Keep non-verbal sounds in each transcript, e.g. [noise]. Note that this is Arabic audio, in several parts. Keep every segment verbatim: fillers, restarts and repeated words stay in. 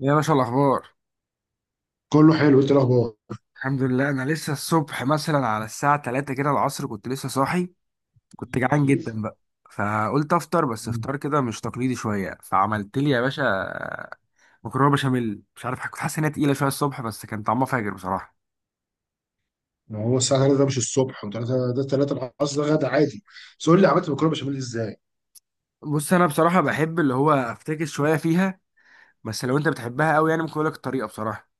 يا باشا، الأخبار؟ كله حلو، انت الاخبار؟ الحمد لله. أنا لسه الصبح مثلا على الساعة ثلاثة كده العصر كنت لسه صاحي. كنت جعان جدا بقى. فقلت أفطر، بس فطار كده مش تقليدي شوية. فعملت لي يا باشا مكرونة بشاميل. مش عارف، كنت حاسس إنها تقيلة شوية الصبح، بس كان طعمها فاجر بصراحة. ما هو الساعه تلاته ده مش الصبح، وثلاثة ده ثلاثة العصر، ده غدا عادي. بس قول لي عملت مكرونه بشاميل ازاي؟ بص، أنا بصراحة بحب اللي هو أفتكس شوية فيها. بس لو أنت بتحبها أوي يعني ممكن أقولك الطريقة بصراحة.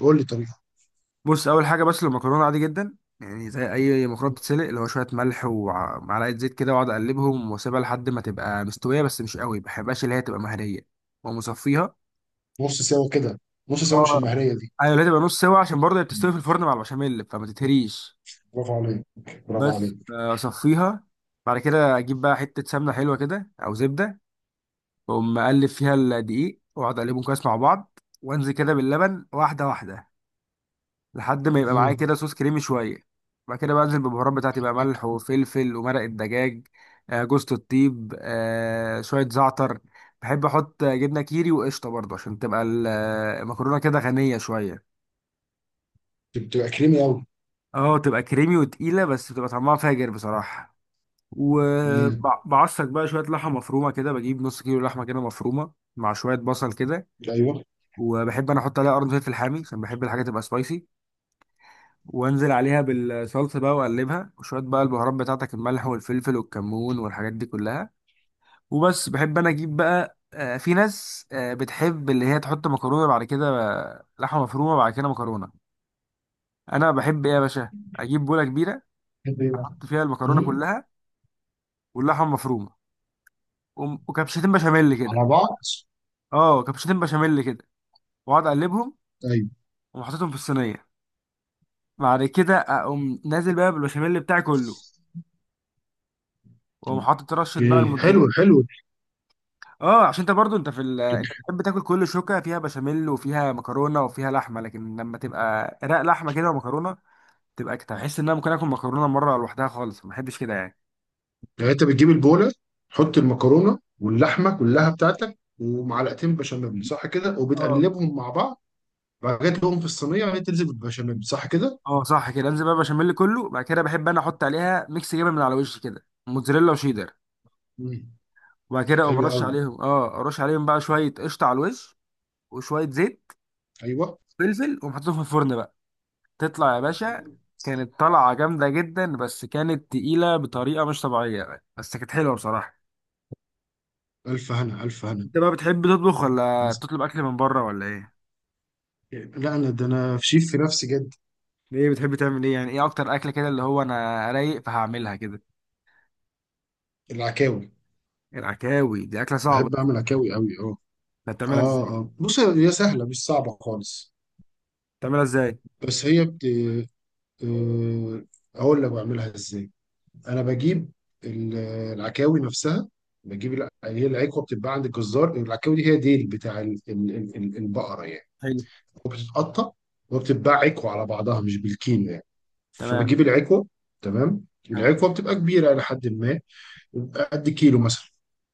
قول لي طريقه. بص، اول حاجه، بس المكرونه عادي جدا، يعني زي اي مكرونه بتتسلق، اللي هو شويه ملح ومعلقه زيت كده، واقعد اقلبهم واسيبها لحد ما تبقى مستويه، بس مش قوي. ما بحبهاش اللي هي تبقى مهريه، ومصفيها. نص سوا كده. نص سوا، مش اه. المهريه دي. ايوه، اللي هي تبقى نص سوا عشان برضه هي مم. بتستوي في الفرن مع البشاميل، فما تتهريش. برافو عليك. برافو بس عليك. اصفيها. بعد كده اجيب بقى حته سمنه حلوه كده او زبده، واقوم اقلب فيها الدقيق، واقعد اقلبهم كويس مع بعض، وانزل كده باللبن واحده واحده لحد ما يبقى معايا مم. كده صوص كريمي شويه. بعد كده بنزل بالبهارات بتاعتي بقى، ملح وفلفل ومرق الدجاج، آه، جوزة الطيب، آه، شويه زعتر. بحب احط جبنه كيري وقشطه برضه عشان تبقى ال- المكرونه كده غنيه شويه. بتبقى كريمي قوي. اه، تبقى كريمي وتقيله، بس بتبقى طعمها فاجر بصراحه. وبعصج بقى شويه لحمه مفرومه كده، بجيب نص كيلو لحمه كده مفرومه مع شويه بصل كده. ايوه. وبحب انا احط عليها قرن فلفل حامي عشان بحب الحاجه تبقى سبايسي. وانزل عليها بالصلصه بقى واقلبها، وشويه بقى البهارات بتاعتك، الملح والفلفل والكمون والحاجات دي كلها. وبس. بحب انا اجيب بقى، آه، في ناس آه، بتحب اللي هي تحط مكرونه بعد كده آه، لحمه مفرومه بعد كده مكرونه. انا بحب ايه يا باشا، اجيب بوله كبيره، بتحب ايه بقى؟ احط فيها المكرونه مم. كلها واللحمه مفرومه وم- وكبشتين بشاميل كده. على بعض. اه، كبشتين بشاميل كده، واقعد اقلبهم. ايوه. وحطيتهم في الصينيه. بعد كده اقوم نازل بقى بالبشاميل بتاعي كله، واقوم حاطط رشه بقى اوكي، حلو الموتزاريلا. حلو. اه، عشان انت برضو انت في ال... انت بتحب تاكل كل شوكه فيها بشاميل وفيها مكرونه وفيها لحمه، لكن لما تبقى رق لحمه كده ومكرونه، تبقى كده تحس ان انا ممكن اكل مكرونه مره لوحدها خالص، ما بحبش كده يعني. يعني انت بتجيب البوله، تحط المكرونه واللحمه كلها بتاعتك ومعلقتين بشاميل، صح كده؟ اه. وبتقلبهم مع بعض. بقيت لهم في الصينيه وهي تنزل بالبشاميل، صح كده؟ اه، صح كده، انزل بقى بشاميل كله، بعد كده بحب انا احط عليها ميكس جبن من على الوش كده، موتزاريلا وشيدر. مم. وبعد كده اقوم حلو رش الله قوي. عليهم. اه، ارش عليهم بقى شويه قشطه على الوش وشويه زيت، ايوه. فلفل. واقوم حاططهم في الفرن بقى. تطلع يا باشا، كانت طلعه جامده جدا، بس كانت تقيله بطريقه مش طبيعيه، بس كانت حلوه بصراحه. الف هنا، الف هنا. انت بقى بتحب تطبخ ولا بس. تطلب اكل من بره ولا ايه؟ لا، انا ده انا في شيف في نفسي جد. ايه بتحب تعمل ايه يعني، ايه اكتر اكله كده اللي هو انا رايق فهعملها كده؟ العكاوي. العكاوي دي اكله صعبه. بحب اعمل عكاوي قوي، اه. ده بتعملها اه، ازاي؟ اه، بص هي سهله مش صعبه خالص. بتعملها ازاي؟ بس هي بت آه، اقول لك بعملها ازاي. انا بجيب ال- العكاوي نفسها. بجيب الع- هي العكوه بتتباع عند الجزار. العكاوي دي هي ديل بتاع ال- ال- ال- البقره يعني. حلو. وبتتقطع، وبتتباع عكوه على بعضها، مش بالكيلو يعني. تمام. فبجيب العكوه. تمام. تمام. العكوه بتبقى كبيره الى حد ما. بيبقى قد كيلو مثلا.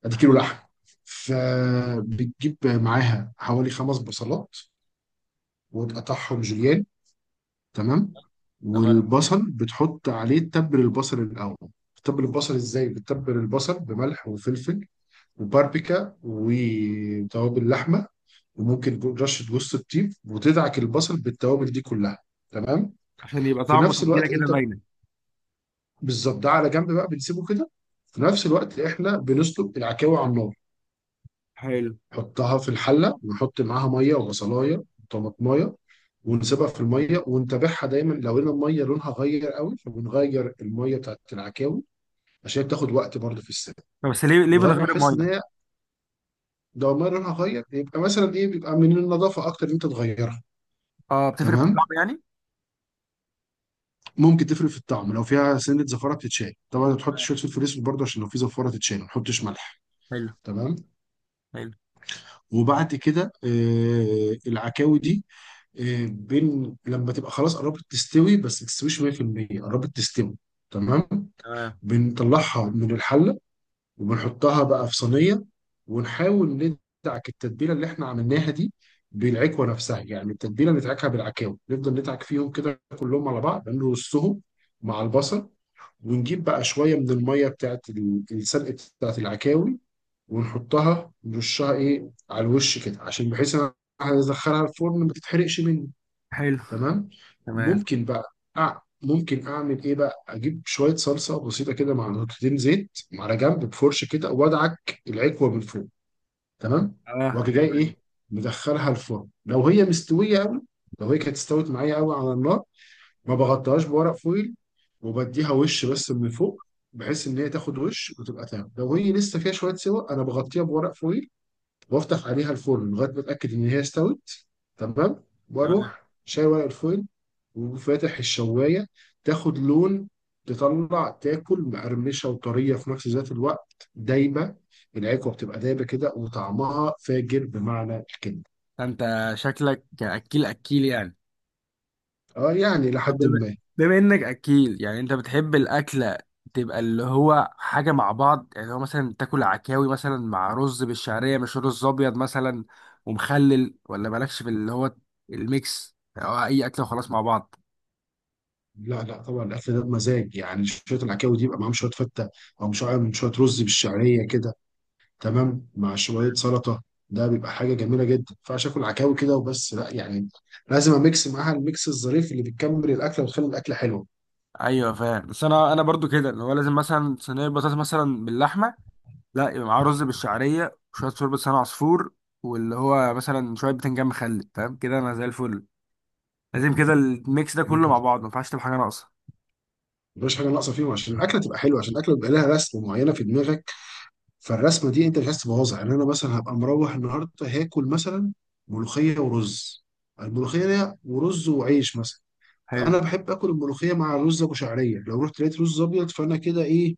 قد كيلو حلو. لحم. فبتجيب معاها حوالي خمس بصلات، وتقطعهم جوليان. تمام. تمام. والبصل بتحط عليه تبل، البصل الاول. بتتبل البصل ازاي؟ بتتبل البصل بملح وفلفل وباربيكا وتوابل لحمه، وممكن رشه جوز الطيب، وتدعك البصل بالتوابل دي كلها. تمام. عشان يبقى في طعمه نفس وتتبيله الوقت كده انت، باينه. بالظبط، ده على جنب بقى، بنسيبه كده. في نفس الوقت احنا بنسلق العكاوي على النار. حلو. نحطها في الحله، ونحط معاها ميه وبصلايه وطماطمايه. ونسيبها في الميه، ونتابعها دايما، لو لقينا الميه لونها غير قوي فبنغير الميه بتاعت العكاوي، عشان بتاخد وقت برضه في السلق. طب بس ليه ليه من لغايه ما غير نحس ان ميه؟ هي، لو الميه لونها غير يبقى مثلا ايه، بيبقى من النظافه اكتر ان انت تغيرها. اه، بتفرق في الطعم تمام. يعني. ممكن تفرق في الطعم، لو فيها سنه زفاره بتتشال طبعا، تحط تمام. شويه فلفل اسود برضه عشان لو في زفاره تتشال، ما تحطش ملح. حلو. تمام. حلو. وبعد كده، آه، العكاوي دي، آه، بين لما تبقى خلاص قربت تستوي، بس ما تستويش مية في المية، قربت تستوي. تمام. تمام. بنطلعها من الحله، وبنحطها بقى في صينيه، ونحاول ندعك التتبيله اللي احنا عملناها دي بالعكوه نفسها. يعني التتبيله ندعكها بالعكاوي، نفضل ندعك فيهم كده كلهم على بعض، نرصهم مع البصل. ونجيب بقى شويه من الميه بتاعت ال- السلق، بتاعت العكاوي. ونحطها، نرشها ايه على الوش كده، عشان بحيث انا هدخلها الفرن ما تتحرقش مني. حلو. تمام. تمام. ممكن بقى أع... ممكن اعمل ايه بقى، اجيب شويه صلصه بسيطه كده مع نقطتين زيت على جنب، بفرشه كده وادعك العكوه من فوق. تمام. اه، واجي جاي حلوه دي. ايه، مدخلها الفرن لو هي مستويه قوي. لو هي كانت استوت معايا قوي على النار، ما بغطيهاش بورق فويل، وبديها وش بس من فوق، بحيث ان هي تاخد وش وتبقى تمام. لو هي لسه فيها شويه سوا، انا بغطيها بورق فويل، وافتح عليها الفرن لغايه ما اتاكد ان هي استوت. تمام. تمام. واروح شايل ورق الفويل، وفاتح الشوايه، تاخد لون، تطلع تاكل مقرمشه وطريه في نفس ذات الوقت، دايبه. العكوه بتبقى دايبه كده، وطعمها فاجر بمعنى الكلمه. ده انت شكلك اكيل اكيل يعني. اه، يعني طب لحد بما ما. بما انك اكيل يعني، انت بتحب الاكله تبقى اللي هو حاجه مع بعض؟ يعني هو مثلا تاكل عكاوي مثلا مع رز بالشعريه، مش رز ابيض مثلا، ومخلل؟ ولا مالكش في اللي هو الميكس، او اي اكله وخلاص مع بعض؟ لا، لا، طبعا الاكل ده بمزاج يعني شويه. العكاوي دي يبقى معاهم شويه فته، او مش عارف، شويه رز بالشعريه كده. تمام، مع شويه سلطه. ده بيبقى حاجه جميله جدا. ما ينفعش اكل عكاوي كده وبس، لا يعني. لازم اميكس معاها الميكس الظريف اللي بيكمل الاكله وتخلي الاكله حلوه. ايوه فاهم. بس انا انا برضو كده اللي هو لازم مثلا صينيه بطاطس مثلا باللحمه، لا يبقى معاه رز بالشعريه وشويه شوربه لسان عصفور، واللي هو مثلا شويه بتنجان مخلل. فاهم كده، انا زي الفل. لازم كده الميكس ده حلو كله كده. مع بعض، ما ينفعش تبقى حاجه ناقصه. مفيش حاجه ناقصه فيهم عشان الاكله تبقى حلوه، عشان الاكله بيبقى لها رسمه معينه في دماغك. فالرسمه دي انت مش عايز تبوظها. يعني انا مثلا هبقى مروح النهارده، هاكل مثلا ملوخيه ورز. الملوخيه ورز وعيش مثلا. حلو. انا بحب اكل الملوخيه مع الرز ابو شعريه. لو رحت لقيت رز ابيض، فانا كده ايه،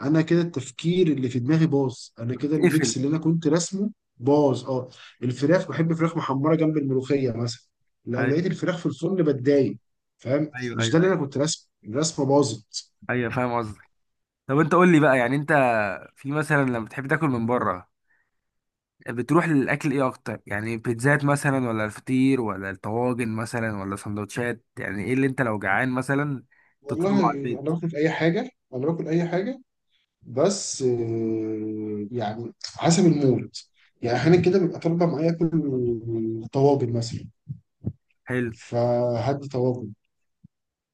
انا كده التفكير اللي في دماغي باظ، انا كده تقفل. الميكس اللي انا كنت راسمه باظ، اه. الفراخ، بحب فراخ محمره جنب الملوخيه مثلا. لو ايوه لقيت الفراخ في الفرن بتضايق. فاهم؟ ايوه مش ايوه. ده اللي انا ايوه كنت راسمه، الرسمه باظت. ايوه فاهم قصدك. طب انت قول لي بقى، يعني انت في مثلا لما بتحب تاكل من بره بتروح للاكل ايه اكتر؟ يعني بيتزات مثلا ولا الفطير ولا الطواجن مثلا ولا سندوتشات؟ يعني ايه اللي انت لو جعان مثلا والله، تطلبه على البيت؟ انا باكل اي حاجه. انا باكل اي حاجه، بس آه، يعني حسب المود. يعني احيانا كده بيبقى طالبه معايا اكل طواجن مثلا، حلو. فهدي طواجن.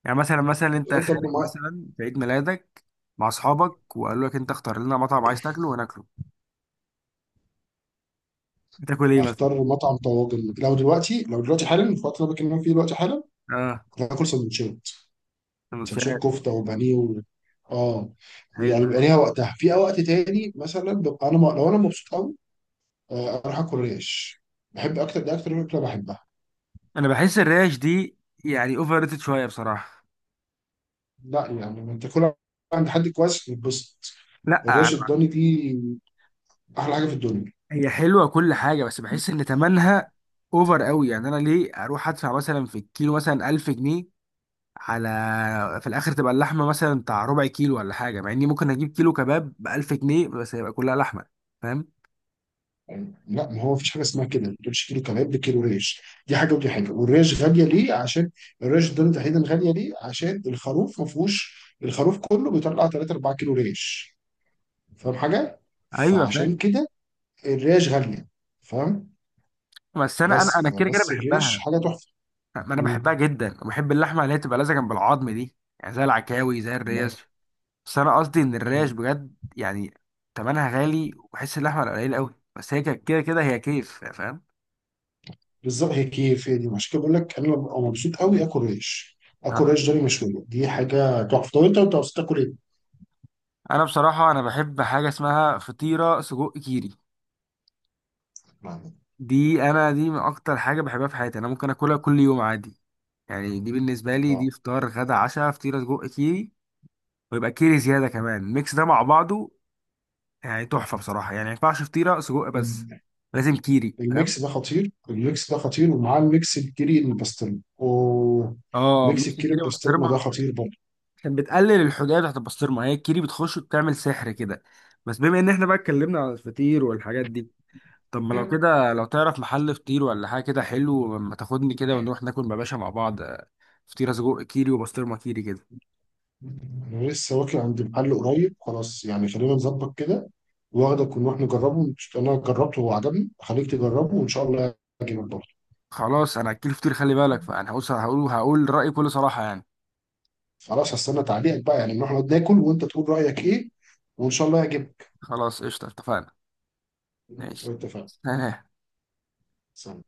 يعني مثلا مثلا انت خارج طالبه معايا. مثلا في عيد ميلادك مع اصحابك وقالوا لك انت اختار لنا مطعم، عايز تاكله وناكله، بتاكل ايه مثلا؟ اختار مطعم طواجن. لو دلوقتي لو دلوقتي حالا، في الوقت اللي انا بكلمك فيه دلوقتي حالا، اه. كنت هاكل سندوتشات. سندوتشات. سندوتشات. كفته وبانيه و... اه حلو. يعني بيبقى ليها وقتها. في وقت تاني مثلا، ببقى انا م... لو انا مبسوط قوي، آه، اروح اكل ريش. بحب اكتر، ده اكتر اكله بحبها. انا بحس الريش دي يعني اوفر ريتد شويه بصراحه. لا، يعني لما تاكلها عند حد كويس بتتبسط. لا، الريش الضاني دي احلى حاجه في الدنيا. هي حلوه كل حاجه، بس بحس ان تمنها اوفر قوي. يعني انا ليه اروح ادفع مثلا في الكيلو مثلا ألف جنيه، على في الاخر تبقى اللحمه مثلا بتاع ربع كيلو ولا حاجه، مع اني ممكن اجيب كيلو كباب ب ألف جنيه بس هيبقى كلها لحمه. فاهم؟ يعني لا، ما هو مفيش حاجه اسمها كده. ما تقولش كيلو كباب ده كيلو ريش، دي حاجه ودي حاجه. والريش غاليه ليه؟ عشان الريش الضاني تحديدا غاليه ليه؟ عشان الخروف ما فيهوش. الخروف كله بيطلع ثلاثة اربعة كيلو ريش، فاهم حاجه؟ ايوه فاهم. فعشان كده الريش غاليه، فاهم؟ بس انا انا بس انا كده كده فبس الريش بحبها. حاجه تحفه. ما انا بحبها مم. جدا، وبحب اللحمه اللي هي تبقى لازقه جنب العظم دي، يعني زي العكاوي زي الله. الريش. بس انا قصدي ان الريش طيب. بجد يعني تمنها غالي، وبحس اللحمه قليل قوي، بس هي كده كده هي كيف، فاهم. بالظبط هي كيف، هي دي عشان كده بقول لك انا ببقى مبسوط قوي اكل ريش. اكل ريش ضاني مشويه دي حاجه تحفه. طب انت انت مبسوط تاكل ايه؟ انا بصراحه انا بحب حاجه اسمها فطيره سجق كيري. يعني، دي انا دي من اكتر حاجه بحبها في حياتي، انا ممكن اكلها كل يوم عادي. يعني دي بالنسبه لي اه دي فطار غدا عشاء، فطيره سجق كيري. ويبقى كيري زياده كمان، الميكس ده مع بعضه يعني تحفه بصراحه. يعني ما ينفعش فطيره سجق بس، ال- لازم كيري، فاهم. الميكس ده خطير. الميكس ده خطير، ومعاه الميكس الكيري البسطرمه، اوه. اه، ميكس ميكس الكيري كيري البسطرمه ده بسطرمه. خطير برضه. عشان بتقلل الحديه بتاعت البسطرمه، هي الكيري بتخش وبتعمل سحر كده. بس بما ان احنا بقى اتكلمنا على الفطير والحاجات دي، طب ما لو كده، لو تعرف محل فطير ولا حاجة كده حلو، ما تاخدني كده ونروح ناكل يا باشا مع بعض آه، فطيرة سجق كيري وبسطرمة كيري كده. انا لسه واكل عند محل قريب خلاص، يعني خلينا نظبط كده، واخدك ونروح نجربه. انا جربته وعجبني، هخليك تجربه وان شاء الله يعجبك برضه. خلاص، انا اكل فطير، خلي بالك، فانا هقول هقول هقول رأيي بكل صراحة يعني. خلاص، هستنى تعليقك بقى، يعني نروح نقعد ناكل وانت تقول رايك ايه، وان شاء الله يعجبك. خلاص، قشطة، اتفقنا. ماشي. اتفقنا. [laughs] سلام.